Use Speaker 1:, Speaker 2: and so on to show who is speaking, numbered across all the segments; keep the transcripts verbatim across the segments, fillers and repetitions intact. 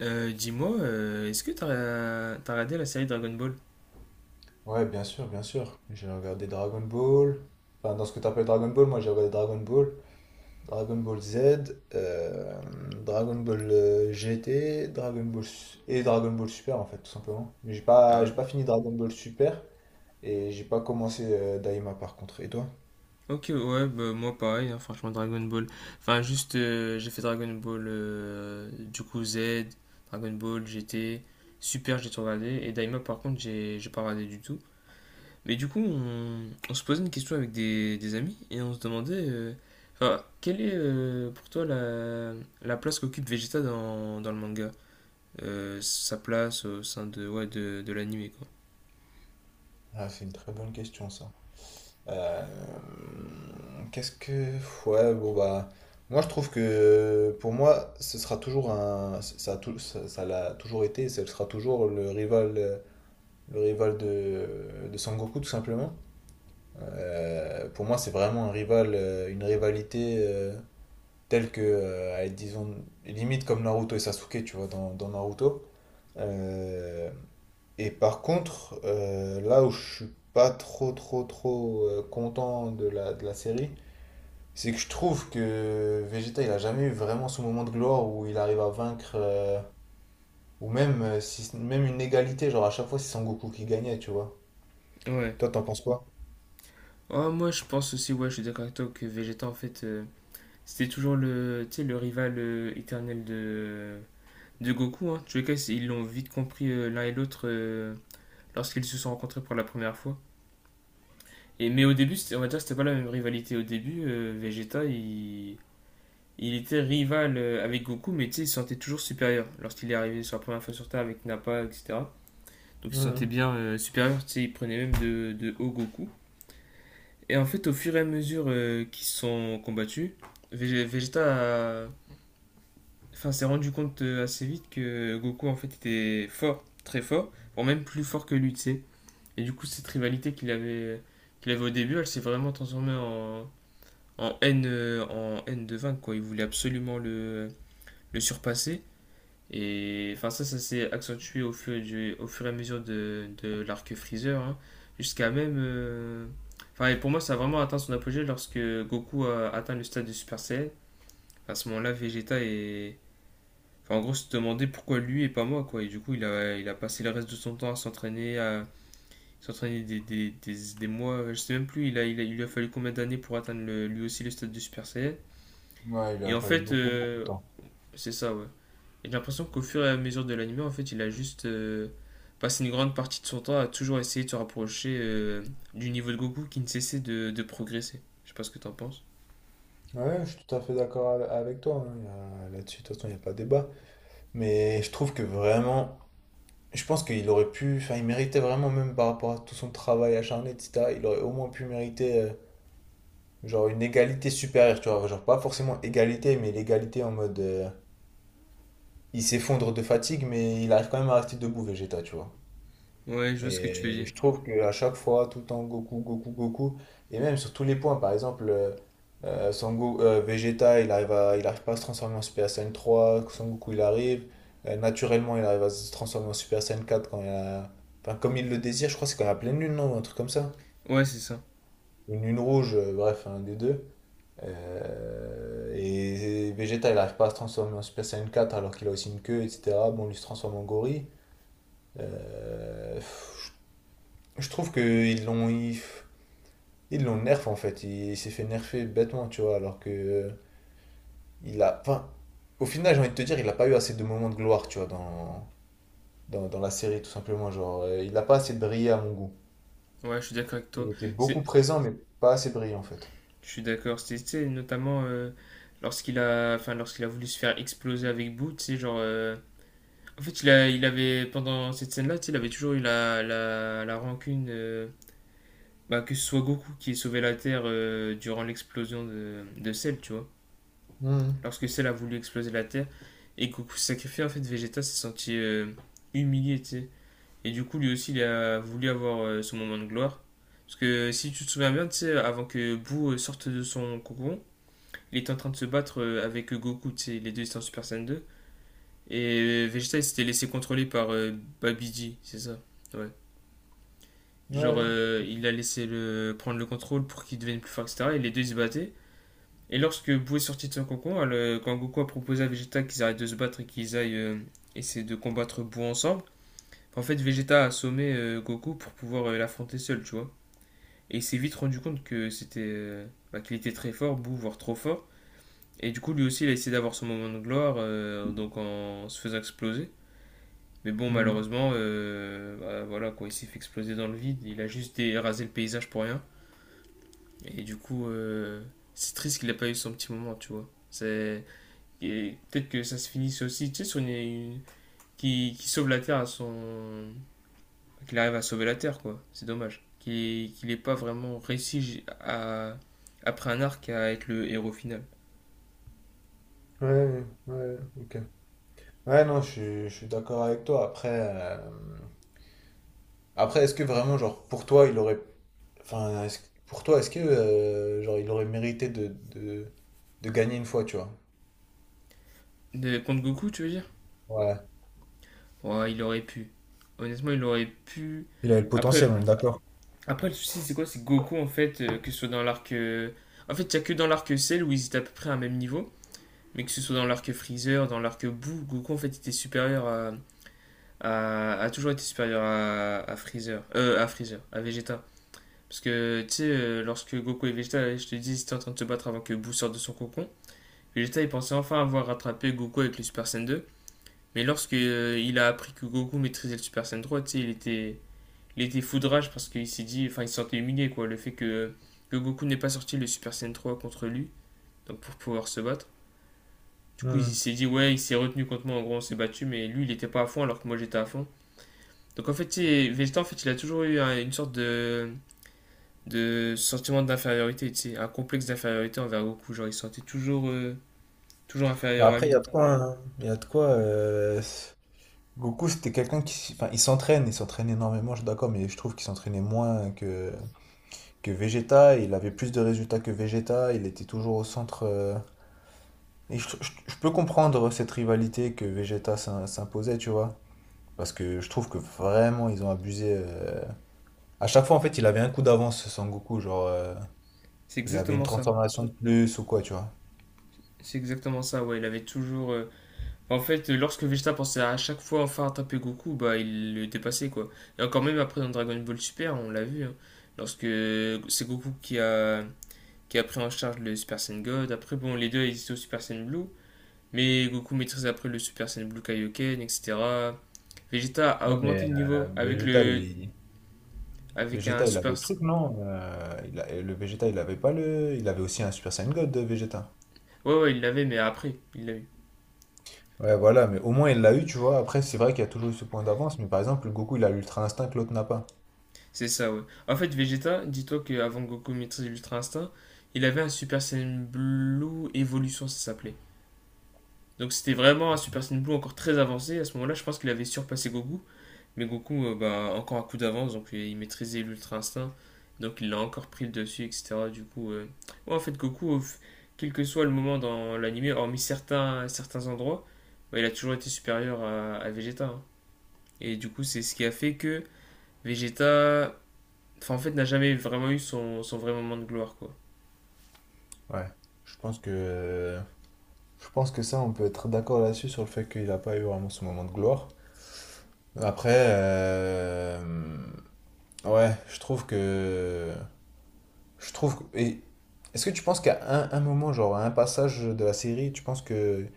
Speaker 1: Euh, dis-moi, euh, est-ce que t'as t'as regardé la série Dragon Ball?
Speaker 2: Ouais, bien sûr, bien sûr. J'ai regardé Dragon Ball. Enfin, dans ce que tu appelles Dragon Ball, moi j'ai regardé Dragon Ball, Dragon Ball Z, euh, Dragon Ball euh, G T, Dragon Ball Su- et Dragon Ball Super en fait, tout simplement. Mais j'ai pas, j'ai
Speaker 1: Ah,
Speaker 2: pas fini Dragon Ball Super et j'ai pas commencé euh, Daima par contre. Et toi?
Speaker 1: ok, ouais, bah, moi pareil, hein, franchement Dragon Ball. Enfin, juste, euh, j'ai fait Dragon Ball euh, du coup Z, Dragon Ball G T, super, j'ai tout regardé. Et Daima, par contre, j'ai j'ai pas regardé du tout. Mais du coup, on, on se posait une question avec des, des amis et on se demandait, euh, enfin, quelle est euh, pour toi la, la place qu'occupe Vegeta dans, dans le manga? Euh, sa place au sein de, ouais, de, de l'anime, quoi.
Speaker 2: Ah, c'est une très bonne question ça. Euh, qu'est-ce que. Ouais, bon, bah. Moi, je trouve que pour moi, ce sera toujours un. Ça a tou- ça, ça l'a toujours été, et ce sera toujours le rival, euh, le rival de, de Sangoku, tout simplement. Euh, pour moi, c'est vraiment un rival, euh, une rivalité euh, telle que, euh, elle, disons, limite comme Naruto et Sasuke, tu vois, dans, dans Naruto. Euh, et par contre, euh, là où je suis pas trop trop trop euh, content de la, de la série, c'est que je trouve que Vegeta il a jamais eu vraiment son moment de gloire où il arrive à vaincre euh, ou même euh, si même une égalité, genre à chaque fois c'est Son Goku qui gagnait, tu vois.
Speaker 1: Ouais.
Speaker 2: Toi t'en penses quoi?
Speaker 1: Oh, moi je pense aussi, ouais, je suis d'accord avec toi que Vegeta en fait euh, c'était toujours le, tu sais, le rival euh, éternel de, de Goku. Hein. En tous les cas, c'est- ils l'ont vite compris euh, l'un et l'autre euh, lorsqu'ils se sont rencontrés pour la première fois. Et, mais au début, c'était- on va dire que c'était pas la même rivalité. Au début, euh, Vegeta il, il était rival euh, avec Goku, mais tu sais, il se sentait toujours supérieur lorsqu'il est arrivé sur la première fois sur Terre avec Nappa, et cetera. Donc il se sentait
Speaker 2: Mhm.
Speaker 1: bien euh, supérieur, tu sais, il prenait même de, de haut Goku. Et en fait, au fur et à mesure euh, qu'ils se sont combattus, Vég- Vegeta a- enfin, s'est rendu compte euh, assez vite que Goku en fait était fort, très fort, voire même plus fort que lui, tu sais. Et du coup, cette rivalité qu'il avait, qu'il avait au début, elle s'est vraiment transformée en, en haine, euh, en haine de vaincre, quoi. Il voulait absolument le, le surpasser. Et enfin, ça, ça s'est accentué au fur, du, au fur et à mesure de, de l'arc Freezer, hein, jusqu'à même. euh, Enfin, et pour moi, ça a vraiment atteint son apogée lorsque Goku a atteint le stade de Super Saiyan. À ce moment-là, Vegeta est. Enfin, en gros, se demandait pourquoi lui et pas moi, quoi. Et du coup, il a, il a passé le reste de son temps à s'entraîner, à s'entraîner des, des, des, des mois, je sais même plus, il a, il a- il lui a fallu combien d'années pour atteindre le- lui aussi le stade de Super Saiyan.
Speaker 2: Ouais, il
Speaker 1: Et
Speaker 2: a
Speaker 1: en
Speaker 2: fallu
Speaker 1: fait,
Speaker 2: beaucoup beaucoup de
Speaker 1: euh,
Speaker 2: temps.
Speaker 1: c'est ça, ouais. Et j'ai l'impression qu'au fur et à mesure de l'anime, en fait, il a juste euh, passé une grande partie de son temps à toujours essayer de se rapprocher euh, du niveau de Goku qui ne cessait de, de progresser. Je sais pas ce que t'en penses.
Speaker 2: Ouais, je suis tout à fait d'accord ave- avec toi, hein. Il y a- Là-dessus, de toute façon, il n'y a pas de débat. Mais je trouve que vraiment, je pense qu'il aurait pu, enfin, il méritait vraiment, même par rapport à tout son travail acharné, et cetera, il aurait au moins pu mériter, euh, genre, une égalité supérieure, tu vois, genre, pas forcément égalité, mais l'égalité en mode, euh, il s'effondre de fatigue, mais il arrive quand même à rester debout, Vegeta, tu vois.
Speaker 1: Ouais, je vois ce que tu veux
Speaker 2: Et
Speaker 1: dire.
Speaker 2: je trouve qu'à chaque fois, tout le temps, Goku, Goku, Goku, et même sur tous les points, par exemple, euh, euh, Son Go- euh, Vegeta, il arrive à- il arrive pas à se transformer en Super Saiyan trois, Son Goku, il arrive. Euh, naturellement, il arrive à se transformer en Super Saiyan quatre quand il a... Enfin, comme il le désire, je crois que c'est quand il y a pleine lune, non? Un truc comme ça.
Speaker 1: Ouais, c'est ça.
Speaker 2: Une lune rouge, euh, bref, un des deux. Euh, et, et Vegeta, il arrive pas à se transformer en Super Saiyan quatre alors qu'il a aussi une queue, et cetera. Bon, lui il se transforme en gorille. Euh, pff, je je trouve que ils l'ont. ils- ils l'ont nerf en fait. Il, il s'est fait nerfer bêtement, tu vois. Alors que, euh, il a. enfin, au final, j'ai envie de te dire, il n'a pas eu assez de moments de gloire, tu vois, dans, dans, dans la série, tout simplement. Genre, euh, il n'a pas assez brillé à mon goût.
Speaker 1: Ouais, je suis d'accord avec toi.
Speaker 2: Il était beaucoup
Speaker 1: C'est,
Speaker 2: présent, mais pas assez brillant en fait.
Speaker 1: je suis d'accord. C'est, tu sais, notamment euh, lorsqu'il a, enfin, lorsqu'il a voulu se faire exploser avec Boo, tu sais, genre. euh, En fait, il a, il avait pendant cette scène-là, tu sais, il avait toujours eu la, la, la rancune. euh, bah, que ce soit Goku qui ait sauvé la Terre euh, durant l'explosion de, de Cell, tu vois.
Speaker 2: Hmm.
Speaker 1: Lorsque celle a voulu exploser la Terre et Goku s'est sacrifié, en fait, Vegeta s'est senti euh, humilié, tu sais. Et du coup, lui aussi, il a voulu avoir euh, son moment de gloire. Parce que si tu te souviens bien, tu sais, avant que Boo euh, sorte de son cocon, il était en train de se battre euh, avec Goku, tu sais, les deux étaient en Super Saiyan deux. Et euh, Vegeta, il s'était laissé contrôler par euh, Babiji, c'est ça? Ouais. Genre,
Speaker 2: Ouais.
Speaker 1: euh, il a laissé le... prendre le contrôle pour qu'il devienne plus fort, et cetera. Et les deux, ils se battaient. Et lorsque Bou est sorti de son cocon, elle- quand Goku a proposé à Vegeta qu'ils arrêtent de se battre et qu'ils aillent euh, essayer de combattre Bou ensemble, en fait Vegeta a assommé euh, Goku pour pouvoir euh, l'affronter seul, tu vois. Et il s'est vite rendu compte que c'était euh, bah, qu'il était très fort, Bou, voire trop fort. Et du coup, lui aussi, il a essayé d'avoir son moment de gloire, euh, donc en se faisant exploser. Mais bon,
Speaker 2: Hmm.
Speaker 1: malheureusement, euh, bah, voilà, quoi, il s'est fait exploser dans le vide. Il a juste rasé le paysage pour rien. Et du coup, euh, c'est triste qu'il n'a pas eu son petit moment, tu vois. C'est Et peut-être que ça se finisse aussi, tu sais, sur une, une- qui, qui sauve la Terre à son. Qu'il arrive à sauver la Terre, quoi. C'est dommage. Qu'il qu'il ait pas vraiment réussi j- à, après un arc à être le héros final.
Speaker 2: Ouais, ouais, ok. Ouais, non, je suis, je suis d'accord avec toi. Après, euh, après, est-ce que vraiment, genre, pour toi, il aurait, enfin, est-ce- pour toi, est-ce que, euh, genre, il aurait mérité de, de, de gagner une fois, tu vois?
Speaker 1: De, contre Goku, tu veux dire?
Speaker 2: Ouais.
Speaker 1: Ouais, il aurait pu. Honnêtement, il aurait pu.
Speaker 2: Il avait le potentiel,
Speaker 1: Après,
Speaker 2: on est d'accord.
Speaker 1: après le souci, c'est quoi? C'est que Goku, en fait, euh, que ce soit dans l'arc. euh, En fait, il n'y a que dans l'arc Cell où ils étaient à peu près à un même niveau. Mais que ce soit dans l'arc Freezer, dans l'arc Boo, Goku, en fait, était supérieur à, a, a toujours été supérieur à, à Freezer, euh, à Freezer, à Vegeta. Parce que, tu sais, euh, lorsque Goku et Vegeta, je te dis, ils étaient en train de se battre avant que Boo sorte de son cocon, Vegeta, il pensait enfin avoir rattrapé Goku avec le Super Saiyan deux. Mais lorsque euh, il a appris que Goku maîtrisait le Super Saiyan trois, tu sais, il était, il était fou de rage parce qu'il s'est dit, enfin, il se sentait humilié, quoi, le fait que, que Goku n'ait pas sorti le Super Saiyan trois contre lui, donc pour pouvoir se battre. Du coup, il
Speaker 2: Hmm.
Speaker 1: s'est dit, ouais, il s'est retenu contre moi, en gros, on s'est battu, mais lui, il était pas à fond alors que moi, j'étais à fond. Donc en fait, tu sais, Vegeta, en fait, il a toujours eu un- une sorte de, de sentiment d'infériorité, tu sais, un complexe d'infériorité envers Goku. Genre, il se sentait toujours, euh, toujours
Speaker 2: Bah
Speaker 1: inférieur à
Speaker 2: après, il y
Speaker 1: lui.
Speaker 2: a de quoi, hein. Il y a de quoi, euh, Goku, c'était quelqu'un qui. s- Enfin, il s'entraîne, il s'entraîne énormément, je suis d'accord, mais je trouve qu'il s'entraînait moins que... que Vegeta. Il avait plus de résultats que Vegeta. Il était toujours au centre, euh, et je, je- je peux comprendre cette rivalité que Vegeta s'im- s'imposait, tu vois. Parce que je trouve que vraiment, ils ont abusé. euh, À chaque fois, en fait, il avait un coup d'avance, Sangoku. Genre, euh,
Speaker 1: C'est
Speaker 2: il avait une
Speaker 1: exactement ça.
Speaker 2: transformation de plus ou quoi, tu vois.
Speaker 1: C'est exactement ça, ouais. Il avait toujours. euh, En fait, lorsque Vegeta pensait à chaque fois enfin attraper Goku, bah, il le dépassait, quoi. Et encore même après dans Dragon Ball Super, on l'a vu, hein, lorsque c'est Goku qui a, qui a pris en charge le Super Saiyan God. Après, bon, les deux ils étaient au Super Saiyan Blue. Mais Goku maîtrise après le Super Saiyan Blue Kaioken, et cetera. Vegeta a
Speaker 2: Non,
Speaker 1: augmenté
Speaker 2: mais
Speaker 1: le
Speaker 2: euh,
Speaker 1: niveau avec
Speaker 2: Vegeta,
Speaker 1: le
Speaker 2: il,
Speaker 1: avec un
Speaker 2: Vegeta, il
Speaker 1: super.
Speaker 2: avait le truc, non? Euh, il a- et le Vegeta, il avait pas le. Il avait aussi un Super Saiyan God de Vegeta.
Speaker 1: Ouais, ouais, il l'avait, mais après, il l'a eu.
Speaker 2: Ouais, voilà, mais au moins il l'a eu, tu vois. Après, c'est vrai qu'il y a toujours eu ce point d'avance, mais par exemple, le Goku, il a l'Ultra Instinct que l'autre n'a pas.
Speaker 1: C'est ça, ouais. En fait, Vegeta, dis-toi qu'avant Goku maîtrise l'Ultra Instinct, il avait un Super Saiyan Blue Evolution, ça s'appelait. Donc c'était vraiment un Super Saiyan Blue encore très avancé. À ce moment-là, je pense qu'il avait surpassé Goku. Mais Goku, euh, bah, encore un coup d'avance, donc euh, il maîtrisait l'Ultra Instinct. Donc il l'a encore pris le dessus, et cetera. Du coup, euh, ouais, en fait, Goku, euh, quel que soit le moment dans l'anime, hormis certains, certains endroits, bah, il a toujours été supérieur à, à Vegeta. Hein. Et du coup, c'est ce qui a fait que Vegeta, enfin, en fait, n'a jamais vraiment eu son, son vrai moment de gloire, quoi.
Speaker 2: Ouais. Je pense que. Je pense que ça, on peut être d'accord là-dessus sur le fait qu'il n'a pas eu vraiment ce moment de gloire. Après, euh, ouais, je trouve que. Je trouve. que- Et est-ce que tu penses qu'à un, un moment, genre à un passage de la série, tu penses que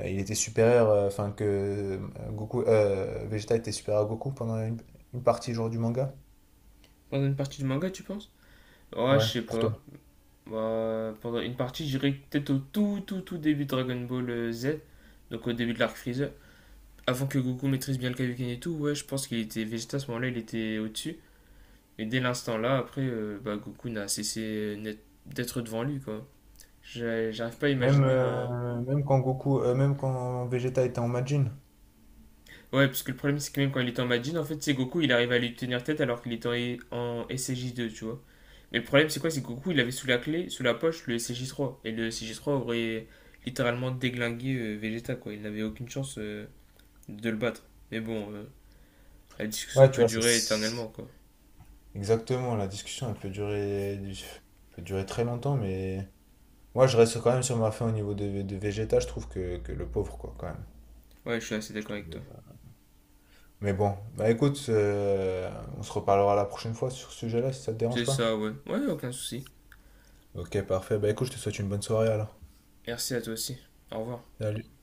Speaker 2: euh, il était supérieur, euh, enfin que euh, Goku, euh, Vegeta était supérieur à Goku pendant une, une partie genre du manga?
Speaker 1: Pendant une partie du manga, tu penses? Ouais, je
Speaker 2: Ouais,
Speaker 1: sais
Speaker 2: pour toi.
Speaker 1: pas. Bah, pendant une partie, je dirais que peut-être au tout, tout, tout début de Dragon Ball euh, Z, donc au début de l'arc Freezer. Avant que Goku maîtrise bien le Kaioken et tout, ouais, je pense qu'il était Vegeta à ce moment-là, il était au-dessus. Et dès l'instant là, après, euh, bah, Goku n'a cessé net- d'être devant lui, quoi. J'ai- J'arrive pas à
Speaker 2: Même
Speaker 1: imaginer un.
Speaker 2: euh, même quand Goku, euh, même quand Vegeta était en Majin.
Speaker 1: Ouais, parce que le problème, c'est que même quand il était en Majin, en fait, c'est Goku, il arrive à lui tenir tête alors qu'il était en, E- en S C J deux, tu vois. Mais le problème, c'est quoi? C'est que Goku, il avait sous la clé, sous la poche, le S C J trois. Et le S C J trois aurait littéralement déglingué euh, Vegeta, quoi. Il n'avait aucune chance euh, de le battre. Mais bon, euh, la discussion
Speaker 2: Ouais, tu
Speaker 1: peut
Speaker 2: vois, c'est
Speaker 1: durer
Speaker 2: c'est-
Speaker 1: éternellement, quoi.
Speaker 2: exactement. La discussion, elle peut durer, peut durer très longtemps, mais moi, je reste quand même sur ma fin au niveau de, de Vegeta. Je trouve que, que le pauvre, quoi, quand même.
Speaker 1: Ouais, je suis assez
Speaker 2: Je
Speaker 1: d'accord
Speaker 2: trouve.
Speaker 1: avec toi.
Speaker 2: Mais bon, bah écoute, euh, on se reparlera la prochaine fois sur ce sujet-là si ça te
Speaker 1: C'est
Speaker 2: dérange pas.
Speaker 1: ça, ouais. Ouais, aucun souci.
Speaker 2: Ok, parfait. Bah écoute, je te souhaite une bonne soirée alors.
Speaker 1: Merci à toi aussi. Au revoir.
Speaker 2: Salut.